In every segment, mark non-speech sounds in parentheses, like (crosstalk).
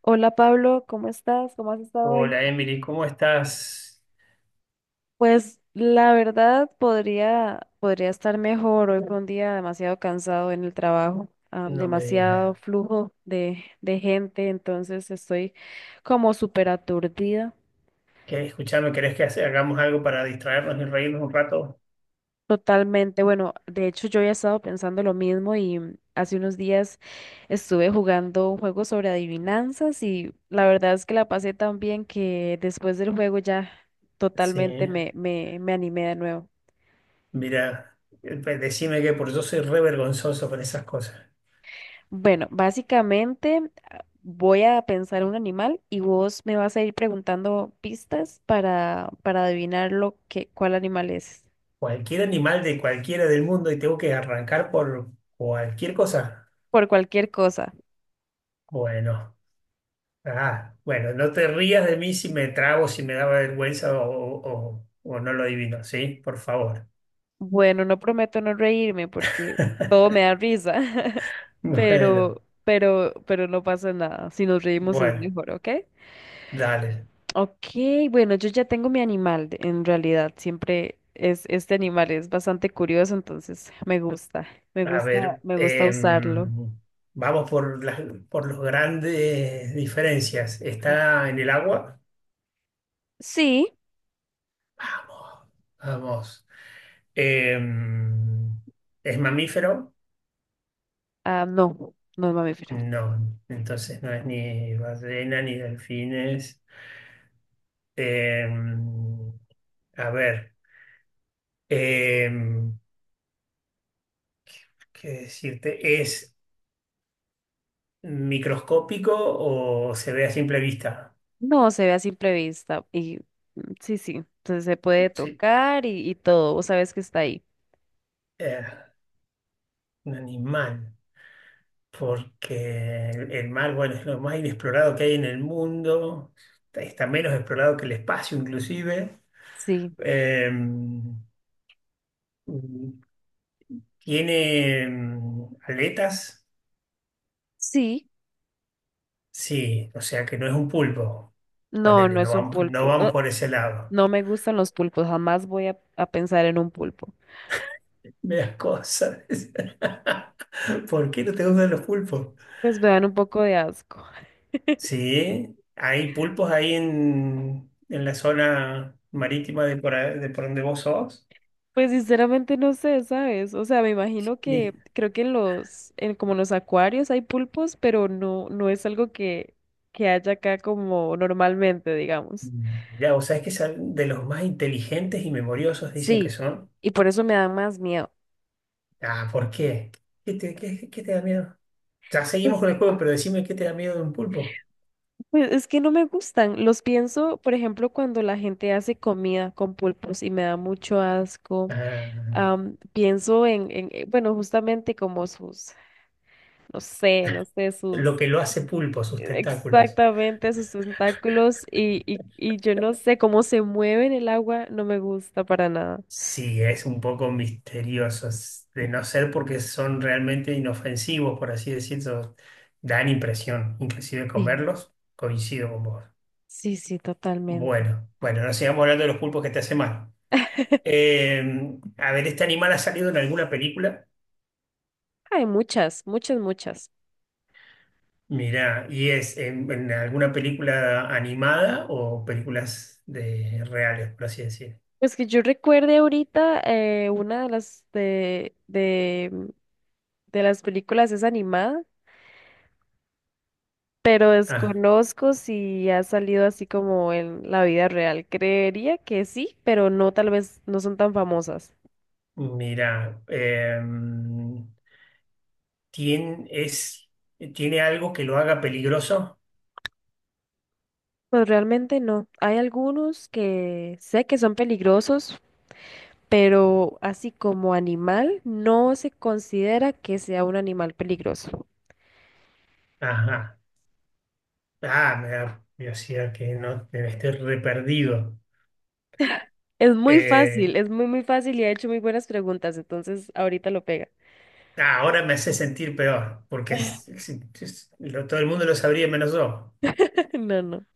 Hola Pablo, ¿cómo estás? ¿Cómo has estado hoy? Hola Emily, ¿cómo estás? Pues la verdad podría estar mejor. Hoy fue un día demasiado cansado en el trabajo, No me digas. demasiado flujo de gente, entonces estoy como súper aturdida ¿Qué? Escuchame, ¿querés que hagamos algo para distraernos y reírnos un rato? totalmente. Bueno, de hecho yo ya he estado pensando lo mismo y hace unos días estuve jugando un juego sobre adivinanzas y la verdad es que la pasé tan bien que después del juego ya Sí, totalmente me animé de nuevo. mira, decime que por yo soy re vergonzoso con esas cosas. Bueno, básicamente voy a pensar un animal y vos me vas a ir preguntando pistas para adivinar lo que, cuál animal es, Cualquier animal de cualquiera del mundo y tengo que arrancar por cualquier cosa. por cualquier cosa. Bueno, bueno, no te rías de mí si me trabo, si me daba vergüenza o, o no lo adivino, ¿sí? Por favor. Bueno, no prometo no reírme porque todo (laughs) me da risa, (laughs) Bueno, pero no pasa nada. Si nos reímos es bueno, mejor, ¿ok? dale. Ok, bueno, yo ya tengo mi animal, en realidad, siempre es este animal, es bastante curioso, entonces me A gusta, ver, me gusta usarlo. Vamos por por las grandes diferencias. ¿Está en el agua? Sí. Vamos, vamos. Em, ¿Es mamífero? Ah, no, no es mamífero. No, entonces no es ni ballena ni delfines. Em, a ver, em, ¿qué decirte? ¿Es microscópico o se ve a simple vista? No, se ve a simple vista. Y mm, sí, sí. Entonces se puede Sí, tocar y todo. Vos sabés que está ahí. eh, un animal. Porque el mar, bueno, es lo más inexplorado que hay en el mundo, está menos explorado que el espacio inclusive. Sí, Eh, tiene aletas, sí. sí, o sea que no es un pulpo. No, Ponele, no no es un vamos, no pulpo. van Ah, por ese lado. no me gustan los pulpos. Jamás voy a pensar en un pulpo. (laughs) Me das cosas. (laughs) ¿Por qué no te gustan los pulpos? Pues me dan un poco de asco. (laughs) Sí, hay pulpos ahí en la zona marítima de por, de por donde vos sos. Pues sinceramente no sé, ¿sabes? O sea, me imagino que creo que en los, en como en los acuarios hay pulpos, pero no, no es algo que haya acá como normalmente, digamos. Mirá, vos sabés que son de los más inteligentes y memoriosos, dicen que Sí, son. y por eso me dan más miedo. Ah, ¿por qué? ¿Qué te, qué te da miedo? Ya seguimos Pues, con el juego, pero decime qué te da miedo de un pulpo. pues es que no me gustan. Los pienso, por ejemplo, cuando la gente hace comida con pulpos y me da mucho asco. Ah, Pienso en, bueno, justamente como sus, no sé, no sé, sus, lo que lo hace pulpo, sus tentáculos. exactamente sus tentáculos y yo no sé cómo se mueve en el agua, no me gusta para nada. Sí, es un poco misterioso, de no ser porque son realmente inofensivos, por así decirlo, dan impresión, inclusive Sí, comerlos, coincido con vos. sí, sí, totalmente. Bueno, bueno, no sigamos hablando de los pulpos que te hacen mal. (laughs) Eh, a ver, ¿este animal ha salido en alguna película? Hay muchas. Mirá, ¿y es en alguna película animada o películas de reales, por así decir? Pues que yo recuerde ahorita una de las de las películas es animada, pero Ah, desconozco si ha salido así como en la vida real. Creería que sí, pero no, tal vez no son tan famosas. mira, es, ¿tiene algo que lo haga peligroso? Pues realmente no. Hay algunos que sé que son peligrosos, pero así como animal, no se considera que sea un animal peligroso. Ajá. Ah, me da curiosidad que no que me esté re perdido. Es muy Eh, fácil, es muy fácil y ha hecho muy buenas preguntas, entonces ahorita lo pega. Ahora me hace sentir peor, porque todo el mundo lo sabría menos yo. (laughs) No, no,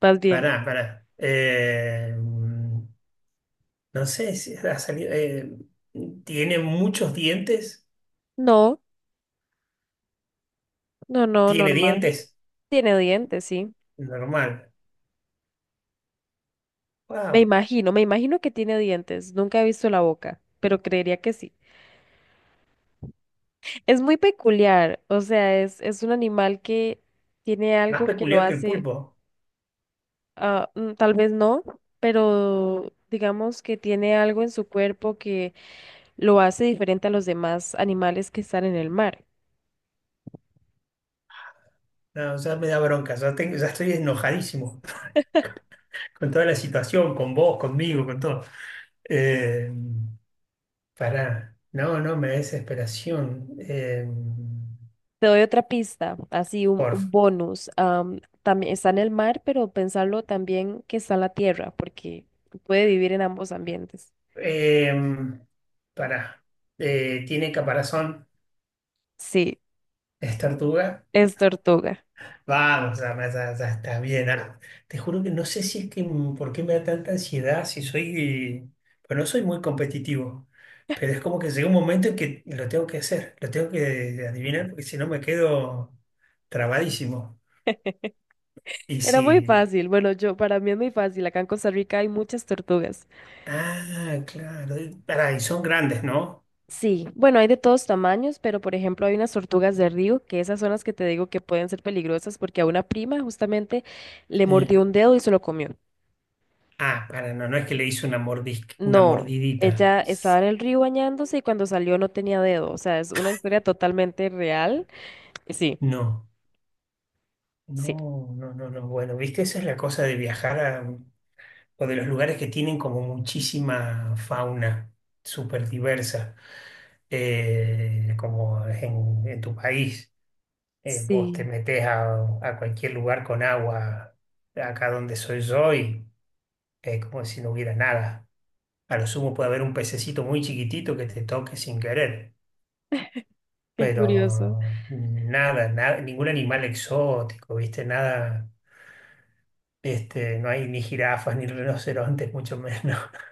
más bien. Pará, pará. Em, No sé si ha salido. Tiene muchos dientes. No, no, no, Tiene normal. dientes. Tiene dientes, sí. Normal. Me Wow. imagino, me imagino que tiene dientes. Nunca he visto la boca, pero creería que sí. Es muy peculiar, o sea, es un animal que tiene Más algo que lo peculiar que el hace, pulpo. Tal vez no, pero digamos que tiene algo en su cuerpo que lo hace diferente a los demás animales que están en el mar. No, ya me da bronca. Ya, ya estoy enojadísimo (laughs) con toda la situación, con vos, conmigo, con todo. Eh, pará. No, no, me da desesperación. Te doy otra pista, así un Porfa. bonus. También está en el mar, pero pensarlo también que está en la tierra, porque puede vivir en ambos ambientes. Eh, pará. Tiene caparazón. Sí, Es tortuga. es tortuga. Vamos, ya está bien. Ah, te juro que no sé si es que por qué me da tanta ansiedad, si soy, pues no soy muy competitivo, pero es como que llega un momento en que lo tengo que hacer, lo tengo que adivinar, porque si no me quedo trabadísimo. Y Era muy si, fácil. Bueno, yo para mí es muy fácil. Acá en Costa Rica hay muchas tortugas. ah, claro, y pará, y son grandes, ¿no? Sí, bueno, hay de todos tamaños, pero por ejemplo hay unas tortugas de río, que esas son las que te digo que pueden ser peligrosas porque a una prima justamente le mordió Sí. un dedo y se lo comió. Ah, para, no, no es que le hice una una No, mordidita. ella estaba en el río bañándose y cuando salió no tenía dedo. O sea, es una historia totalmente real. Sí, No, sí. no, no, no, no. Bueno, viste, esa es la cosa de viajar o de los lugares que tienen como muchísima fauna súper diversa, como es en tu país. Vos te Sí. metés a cualquier lugar con agua, acá donde soy yo, y es como si no hubiera nada. A lo sumo puede haber un pececito muy chiquitito que te toque sin querer, Qué curioso. pero nada, nada, ningún animal exótico, ¿viste? Nada, este, no hay ni jirafas, ni rinocerontes, mucho menos. (laughs)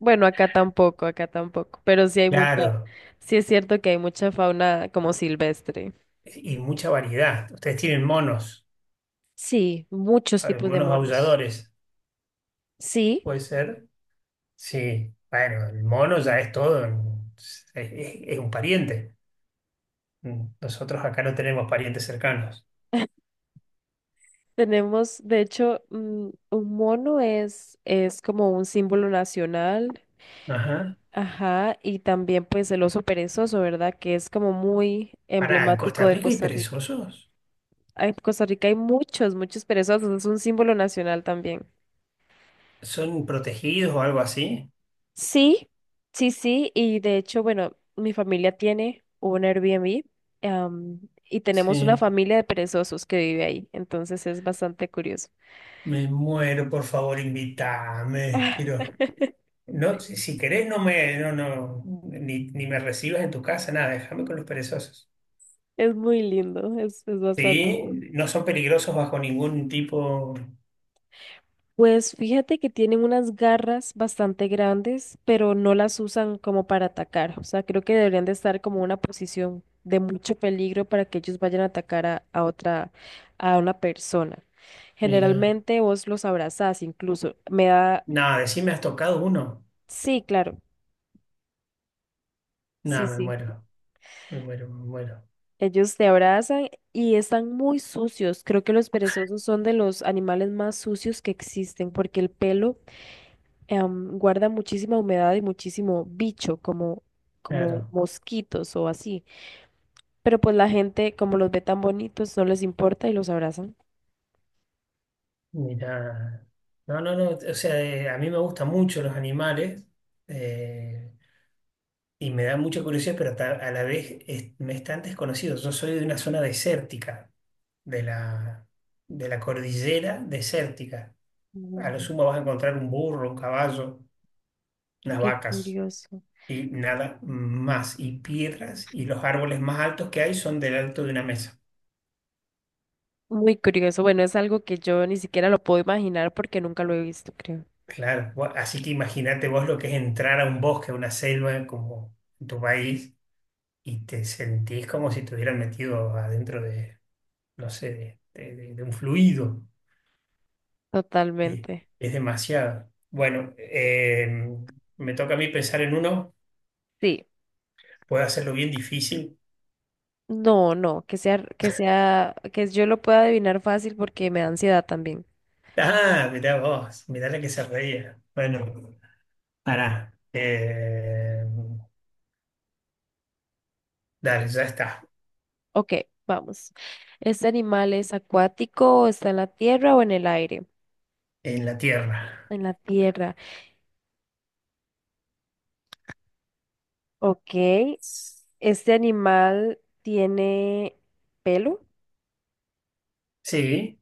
Bueno, acá tampoco, acá tampoco. Pero sí hay mucha, Claro, sí es cierto que hay mucha fauna como silvestre. y mucha variedad. Ustedes tienen monos, Sí, muchos a ver, tipos de monos monos. aulladores, Sí, ¿puede ser? Sí, bueno, el mono ya es todo, es, es- es un pariente. Nosotros acá no tenemos parientes cercanos. tenemos, de hecho, un mono es como un símbolo nacional. Ajá. Ajá, y también pues el oso perezoso, ¿verdad? Que es como muy Pará, ¿en emblemático Costa de Rica hay Costa Rica. perezosos? Ah, en Costa Rica hay muchos perezosos, es un símbolo nacional también. ¿Son protegidos o algo así? Sí, sí, sí, y de hecho, bueno, mi familia tiene un Airbnb, y tenemos una Sí, familia de perezosos que vive ahí, entonces es bastante curioso. me muero, por favor, invítame. Quiero. (laughs) No, si, si querés, no me, no, no, ni, ni me recibas en tu casa, nada, déjame con los perezosos. Es muy lindo, es bastante. Sí, no son peligrosos bajo ningún tipo. Pues fíjate que tienen unas garras bastante grandes, pero no las usan como para atacar. O sea, creo que deberían de estar como en una posición de mucho peligro para que ellos vayan a atacar a otra, a una persona. Mira. Generalmente vos los abrazás, incluso. Me da, Nada, decime, ¿has tocado uno? sí, claro, Nada, sí, me sí. muero, me muero, me muero. Ellos te abrazan y están muy sucios. Creo que los perezosos son de los animales más sucios que existen porque el pelo guarda muchísima humedad y muchísimo bicho, como, como Claro, mosquitos o así. Pero pues la gente, como los ve tan bonitos, no les importa y los abrazan. mira. No, no, no. O sea, a mí me gustan mucho los animales eh, y me da mucha curiosidad, pero a la vez me es tan desconocido. Yo soy de una zona desértica, de la, de la cordillera desértica. A lo Mm, sumo vas a encontrar un burro, un caballo, unas qué vacas. curioso. Y nada más. Y piedras y los árboles más altos que hay son del alto de una mesa. Muy curioso. Bueno, es algo que yo ni siquiera lo puedo imaginar porque nunca lo he visto, creo. Claro, así que imagínate vos lo que es entrar a un bosque, a una selva como en tu país y te sentís como si te hubieran metido adentro no sé, de un fluido. Y Totalmente. es demasiado. Bueno, me toca a mí pensar en uno, Sí. puedo hacerlo bien difícil. No, no, que sea, que sea, que yo lo pueda adivinar fácil porque me da ansiedad también. Ah, mirá vos, mirá la que se reía. Bueno, pará. Dale, ya está. Ok, vamos. ¿Este animal es acuático, está en la tierra o en el aire? En la Tierra. En la tierra. Ok, este animal tiene pelo, Sí,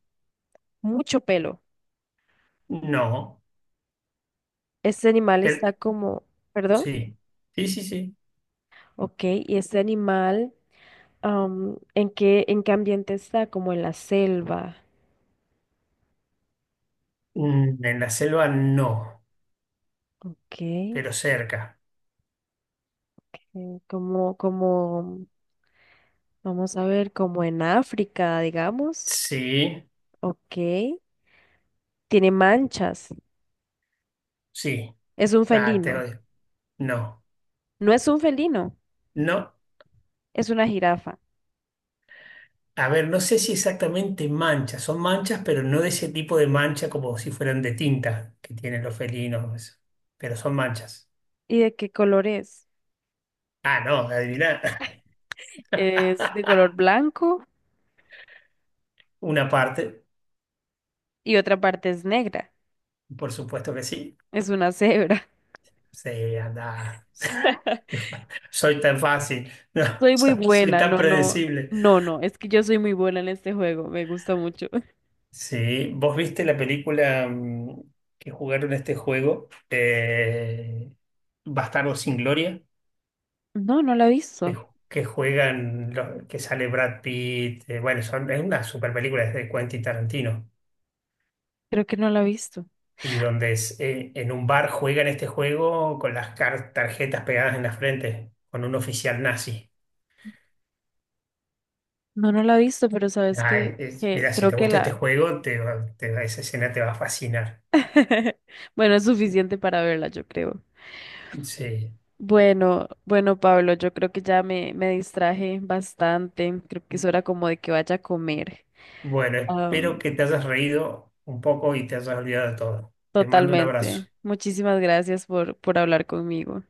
mucho pelo. no, Este animal pero está como, perdón, sí. Sí, sí, sí. ok, y este animal, en qué ambiente está? Como en la selva, Mm, en la selva no, ok, pero cerca. como, como, vamos a ver, como en África, digamos, Sí, ok, tiene manchas, sí. es un Ah, te felino, odio. No, no es un felino, no. es una jirafa. A ver, no sé si exactamente manchas. Son manchas, pero no de ese tipo de mancha como si fueran de tinta que tienen los felinos. Eso. Pero son manchas. ¿Y de qué color es? Ah, no, adivina. ¿Es de (laughs) color blanco? Una parte, Y otra parte es negra, por supuesto que sí. es una cebra. Sí, anda. (laughs) (laughs) Soy tan fácil, (laughs) no, Soy muy soy buena, tan no, no, predecible. no, no, es que yo soy muy buena en este juego, me gusta mucho. Sí, ¿vos viste la película que jugaron este juego? Bastardos sin Gloria, No, no la he que, visto, que juegan, que sale Brad Pitt, bueno, son, es una super película de Quentin Tarantino, creo que no la he visto. y donde es, en un bar juegan este juego con las tarjetas pegadas en la frente, con un oficial nazi. No, no la he visto, pero sabes Ay, que mira, si creo te que gusta este la... juego, esa escena te va a fascinar. (laughs) Bueno, es suficiente para verla, yo creo. Sí. Bueno, bueno, Pablo, yo creo que ya me distraje bastante, creo que es hora como de que vaya a comer. Bueno, espero que te hayas reído un poco y te hayas olvidado de todo. Te mando un Totalmente. abrazo. Muchísimas gracias por hablar conmigo.